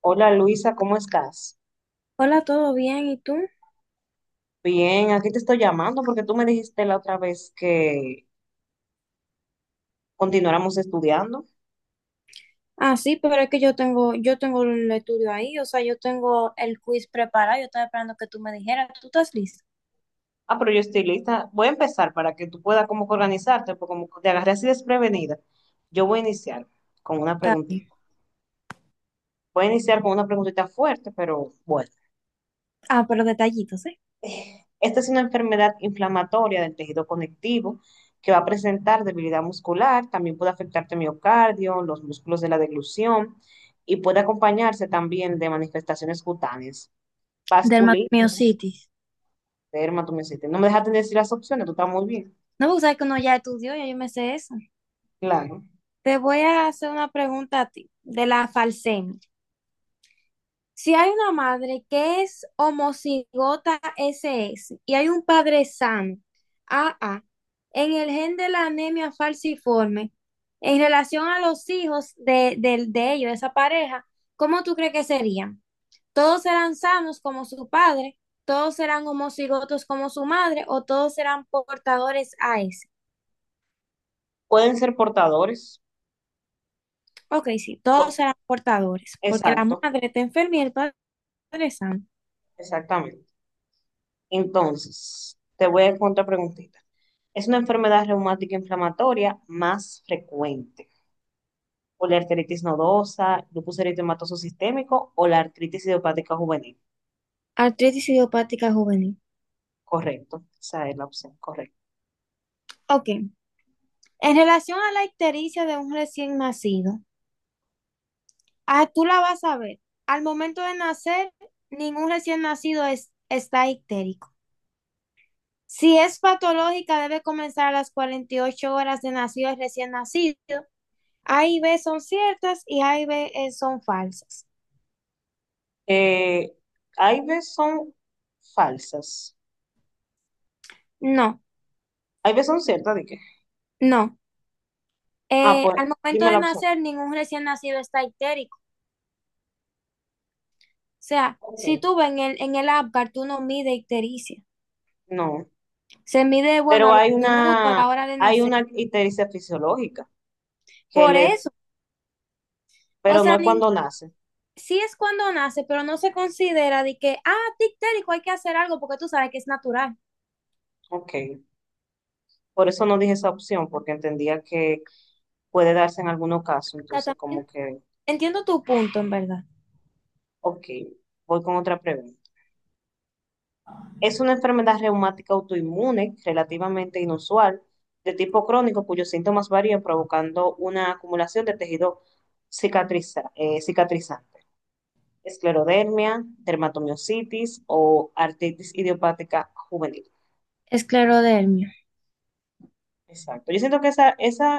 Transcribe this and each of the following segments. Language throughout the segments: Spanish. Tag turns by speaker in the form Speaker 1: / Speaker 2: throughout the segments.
Speaker 1: Hola Luisa, ¿cómo estás?
Speaker 2: Hola, ¿todo bien? ¿Y tú?
Speaker 1: Bien, aquí te estoy llamando porque tú me dijiste la otra vez que continuáramos estudiando.
Speaker 2: Ah, sí, pero es que yo tengo el estudio ahí, o sea, yo tengo el quiz preparado, yo estaba esperando que tú me dijeras, ¿tú estás lista?
Speaker 1: Ah, pero yo estoy lista. Voy a empezar para que tú puedas como que organizarte, porque como te agarré así desprevenida, yo voy a iniciar con una
Speaker 2: Está bien.
Speaker 1: preguntita. Voy a iniciar con una preguntita fuerte, pero bueno.
Speaker 2: Ah, pero detallitos, ¿eh?
Speaker 1: Esta es una enfermedad inflamatoria del tejido conectivo que va a presentar debilidad muscular, también puede afectarte miocardio, los músculos de la deglución y puede acompañarse también de manifestaciones cutáneas,
Speaker 2: Del
Speaker 1: vasculitis,
Speaker 2: Dermatomiositis.
Speaker 1: dermatomiositis. No me dejaste decir las opciones, tú estás muy bien.
Speaker 2: No, porque sabes que uno ya estudió, ya yo me sé eso.
Speaker 1: Claro.
Speaker 2: Te voy a hacer una pregunta a ti, de la falsemia. Si hay una madre que es homocigota SS y hay un padre sano, AA, en el gen de la anemia falciforme, en relación a los hijos de ellos, de esa pareja, ¿cómo tú crees que serían? ¿Todos serán sanos como su padre? ¿Todos serán homocigotos como su madre? ¿O todos serán portadores AS?
Speaker 1: Pueden ser portadores.
Speaker 2: Ok, sí, todos
Speaker 1: Co-
Speaker 2: serán portadores, porque la
Speaker 1: Exacto,
Speaker 2: madre está enferma y el padre es sano.
Speaker 1: exactamente. Entonces, te voy a hacer otra preguntita. Es una enfermedad reumática inflamatoria más frecuente, o la artritis nodosa, lupus eritematoso sistémico o la artritis idiopática juvenil.
Speaker 2: Artritis idiopática juvenil.
Speaker 1: Correcto, esa es la opción correcta.
Speaker 2: Ok. En relación a la ictericia de un recién nacido, ah, tú la vas a ver. Al momento de nacer, ningún recién nacido está ictérico. Si es patológica, debe comenzar a las 48 horas de nacido el recién nacido. A y B son ciertas y A y B son falsas.
Speaker 1: Eh, Hay veces son falsas,
Speaker 2: No,
Speaker 1: hay veces son ciertas, ¿de qué?
Speaker 2: no.
Speaker 1: Ah, pues
Speaker 2: Al momento
Speaker 1: dime
Speaker 2: de
Speaker 1: la opción.
Speaker 2: nacer, ningún recién nacido está ictérico. O sea, si
Speaker 1: Ok,
Speaker 2: tú ves en el Apgar, tú no mide ictericia.
Speaker 1: no,
Speaker 2: Se mide, bueno,
Speaker 1: pero
Speaker 2: a los minutos, a la hora de
Speaker 1: hay
Speaker 2: nacer.
Speaker 1: una ictericia fisiológica que
Speaker 2: Por
Speaker 1: le,
Speaker 2: eso o
Speaker 1: pero no
Speaker 2: sea,
Speaker 1: es
Speaker 2: ni,
Speaker 1: cuando nace.
Speaker 2: sí es cuando nace, pero no se considera de que, ah, tictérico, hay que hacer algo porque tú sabes que es natural.
Speaker 1: Ok, por eso no dije esa opción, porque entendía que puede darse en algunos casos,
Speaker 2: O sea,
Speaker 1: entonces como
Speaker 2: también
Speaker 1: que,
Speaker 2: entiendo tu punto, en verdad.
Speaker 1: ok, voy con otra pregunta. Es una enfermedad reumática autoinmune relativamente inusual, de tipo crónico, cuyos síntomas varían provocando una acumulación de tejido cicatrizante, esclerodermia, dermatomiositis o artritis idiopática juvenil.
Speaker 2: Esclerodermia.
Speaker 1: Exacto. Yo siento que esa, esa,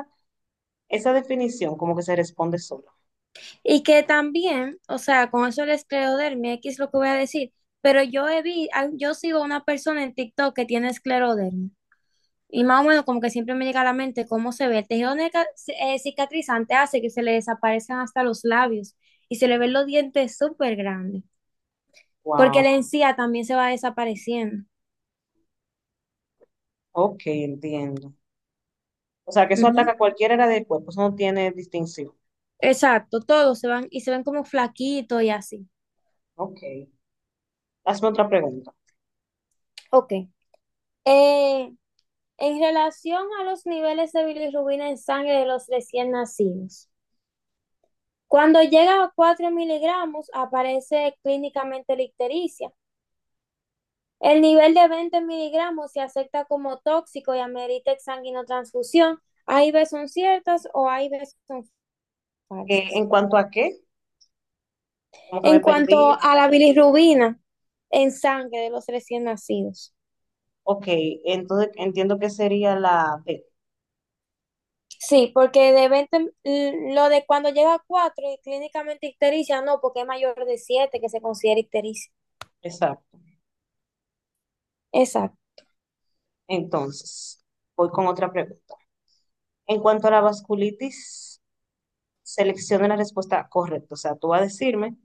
Speaker 1: esa definición como que se responde sola.
Speaker 2: Y que también, o sea, con eso de la esclerodermia, aquí es lo que voy a decir, pero yo he vi, al- yo sigo a una persona en TikTok que tiene esclerodermia. Y más o menos como que siempre me llega a la mente cómo se ve. El tejido cicatrizante hace que se le desaparezcan hasta los labios y se le ven los dientes súper grandes, porque
Speaker 1: Wow.
Speaker 2: la encía también se va desapareciendo.
Speaker 1: Ok, entiendo. O sea, que eso
Speaker 2: Ujú.
Speaker 1: ataca a cualquier área del cuerpo, eso no tiene distinción.
Speaker 2: Exacto, todos se van y se ven como flaquitos y así.
Speaker 1: Ok. Hazme otra pregunta.
Speaker 2: Ok. Eh, en relación a los niveles de bilirrubina en sangre de los recién nacidos, cuando llega a 4 miligramos aparece clínicamente ictericia. El nivel de 20 miligramos se acepta como tóxico y amerita exsanguinotransfusión. Hay veces son ciertas o hay veces son falsas.
Speaker 1: ¿En cuanto a qué? Como que
Speaker 2: En
Speaker 1: me
Speaker 2: cuanto
Speaker 1: perdí.
Speaker 2: a la bilirrubina en sangre de los recién nacidos.
Speaker 1: Ok, entonces entiendo que sería la B.
Speaker 2: Sí, porque de 20, mm, lo de cuando llega a 4 y clínicamente ictericia, no, porque es mayor de 7 que se considera ictericia.
Speaker 1: Exacto.
Speaker 2: Exacto,
Speaker 1: Entonces, voy con otra pregunta. En cuanto a la vasculitis, selecciona la respuesta correcta. O sea, tú vas a decirme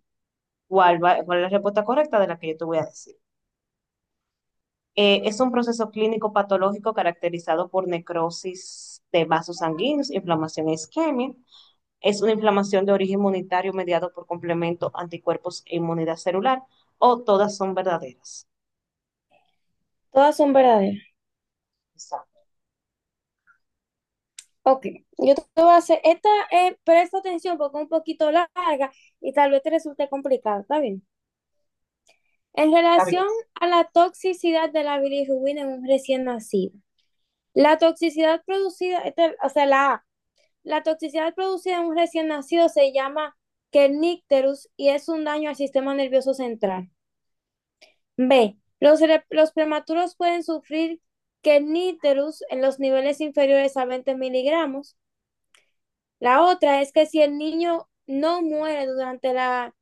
Speaker 1: cuál, va- cuál es la respuesta correcta de la que yo te voy a decir. Es un proceso clínico patológico caracterizado por necrosis de vasos sanguíneos, inflamación e isquemia. Es una inflamación de origen inmunitario mediado por complemento, anticuerpos e inmunidad celular, o todas son verdaderas.
Speaker 2: todas son verdaderas.
Speaker 1: Exacto.
Speaker 2: Ok, yo te voy a hacer, esta, presta atención porque es un poquito larga y tal vez te resulte complicado, ¿está bien? En
Speaker 1: Está bien.
Speaker 2: relación
Speaker 1: O
Speaker 2: a la toxicidad de la bilirrubina en un recién nacido, la toxicidad producida, o sea, la A, la toxicidad producida en un recién nacido se llama kernicterus y es un daño al sistema nervioso central. B. Los prematuros pueden sufrir kerníterus en los niveles inferiores a 20 miligramos. La otra es que si el niño no muere durante la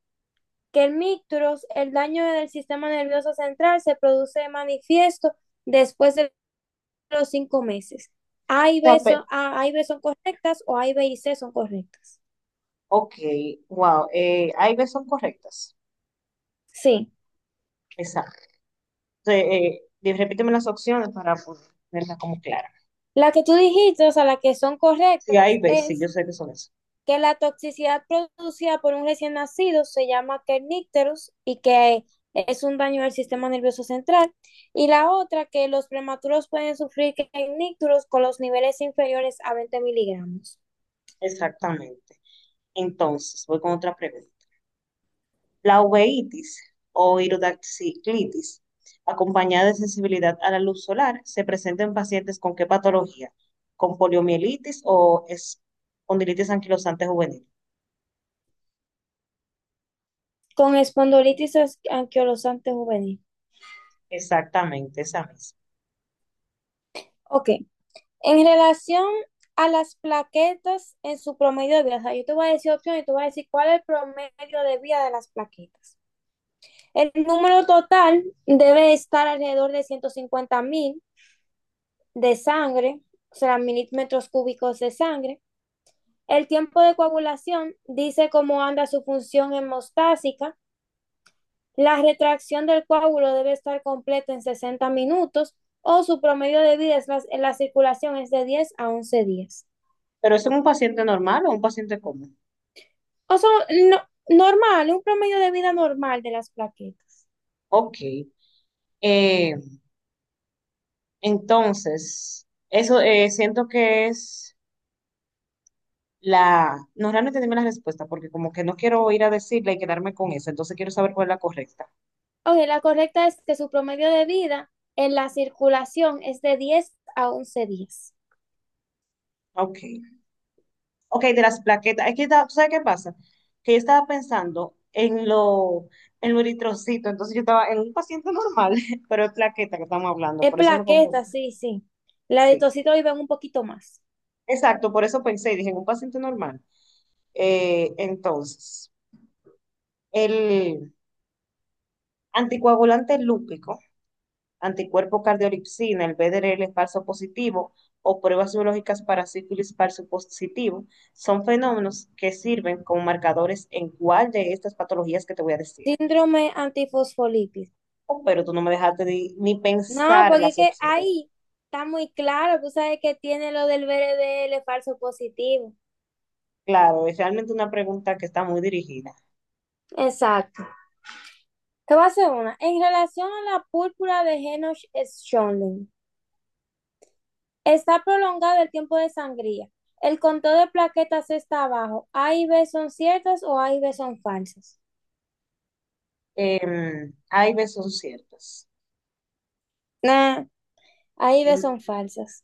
Speaker 2: kernicterus, el daño del sistema nervioso central se produce manifiesto después de los 5 meses.
Speaker 1: sea, pe-
Speaker 2: A y B son correctas o A y B y C son correctas.
Speaker 1: Ok, wow. A y B son correctas.
Speaker 2: Sí.
Speaker 1: Exacto. Repíteme las opciones para ponerlas como claras.
Speaker 2: La que tú dijiste, o sea, la que son
Speaker 1: Sí, A y
Speaker 2: correctas
Speaker 1: B, sí, yo
Speaker 2: es
Speaker 1: sé que son eso.
Speaker 2: que la toxicidad producida por un recién nacido se llama kernicterus y que es un daño del sistema nervioso central, y la otra que los prematuros pueden sufrir kernicterus con los niveles inferiores a 20 miligramos,
Speaker 1: Exactamente. Entonces, voy con otra pregunta. La uveitis o iridociclitis, acompañada de sensibilidad a la luz solar, ¿se presenta en pacientes con qué patología? ¿Con poliomielitis o espondilitis anquilosante juvenil?
Speaker 2: con espondilitis anquilosante juvenil.
Speaker 1: Exactamente, esa misma.
Speaker 2: Ok, en relación a las plaquetas en su promedio de vida, o sea, yo te voy a decir opciones y tú vas a decir cuál es el promedio de vida de las plaquetas. El número total debe estar alrededor de 150.000 de sangre, o sea, milímetros cúbicos de sangre. El tiempo de coagulación dice cómo anda su función hemostásica. La retracción del coágulo debe estar completa en 60 minutos o su promedio de vida es la, en la circulación es de 10 a 11 días.
Speaker 1: ¿Pero es un paciente normal o un paciente común?
Speaker 2: O sea, no, normal, un promedio de vida normal de las plaquetas.
Speaker 1: Ok. Eh, Entonces, eso, siento que es la... No, realmente dime la respuesta, porque como que no quiero ir a decirla y quedarme con esa, entonces quiero saber cuál es la correcta.
Speaker 2: Ok, la correcta es que su promedio de vida en la circulación es de 10 a once días.
Speaker 1: Ok. Ok, de las plaquetas. Es que, ta- ¿tú sabes qué pasa? Que yo estaba pensando en lo eritrocito, entonces yo estaba en un paciente normal, pero es plaqueta que estamos hablando,
Speaker 2: Es
Speaker 1: por eso me confundí.
Speaker 2: plaqueta, sí, sí. La
Speaker 1: Sí,
Speaker 2: eritrocito viven un poquito más.
Speaker 1: exacto, por eso pensé y dije, en un paciente normal. Entonces, el anticoagulante lúpico anticuerpo cardiolipsina, el BDRL falso positivo o pruebas biológicas para sífilis falso positivo, son fenómenos que sirven como marcadores en cuál de estas patologías que te voy a decir.
Speaker 2: Síndrome antifosfolípido.
Speaker 1: Oh, pero tú no me dejaste ni
Speaker 2: No,
Speaker 1: pensar
Speaker 2: porque es
Speaker 1: las
Speaker 2: que
Speaker 1: opciones.
Speaker 2: ahí está muy claro. Tú sabes que tiene lo del BRDL falso positivo.
Speaker 1: Claro, es realmente una pregunta que está muy dirigida.
Speaker 2: Exacto. Te voy a hacer una. En relación a la púrpura de Henoch-Schönlein, está prolongado el tiempo de sangría. El conteo de plaquetas está abajo. ¿A y B son ciertas o A y B son falsas?
Speaker 1: Hay veces son ciertas.
Speaker 2: Nah, A y B
Speaker 1: Em,
Speaker 2: son falsas.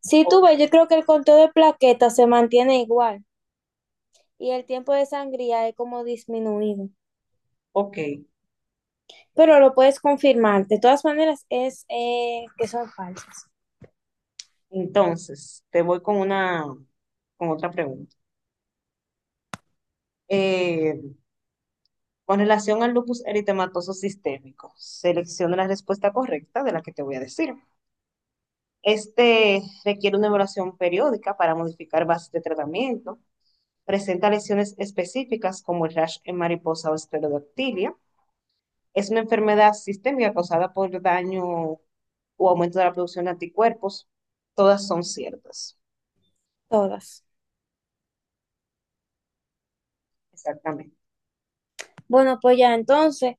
Speaker 2: Si tú
Speaker 1: ok,
Speaker 2: ves, yo creo que el conteo de plaquetas se mantiene igual y el tiempo de sangría es como disminuido,
Speaker 1: ok,
Speaker 2: pero lo puedes confirmar. De todas maneras, es que son falsas,
Speaker 1: entonces te voy con otra pregunta. Eh, Con relación al lupus eritematoso sistémico, selecciona la respuesta correcta de la que te voy a decir. Este requiere una evaluación periódica para modificar bases de tratamiento. Presenta lesiones específicas como el rash en mariposa o esclerodactilia. Es una enfermedad sistémica causada por daño o aumento de la producción de anticuerpos. Todas son ciertas.
Speaker 2: todas.
Speaker 1: Exactamente.
Speaker 2: Bueno, pues ya entonces,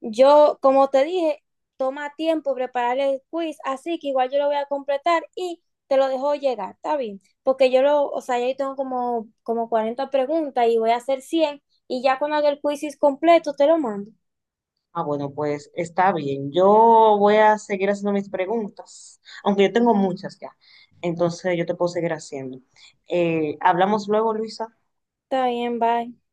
Speaker 2: yo, como te dije, toma tiempo preparar el quiz, así que igual yo lo voy a completar y te lo dejo llegar, está bien, porque yo lo, o sea, yo tengo como 40 preguntas y voy a hacer 100 y ya cuando haga el quiz completo te lo mando.
Speaker 1: Ah, bueno, pues está bien. Yo voy a seguir haciendo mis preguntas, aunque yo tengo muchas ya. Entonces yo te puedo seguir haciendo. Hablamos luego, Luisa.
Speaker 2: Está bien, bye.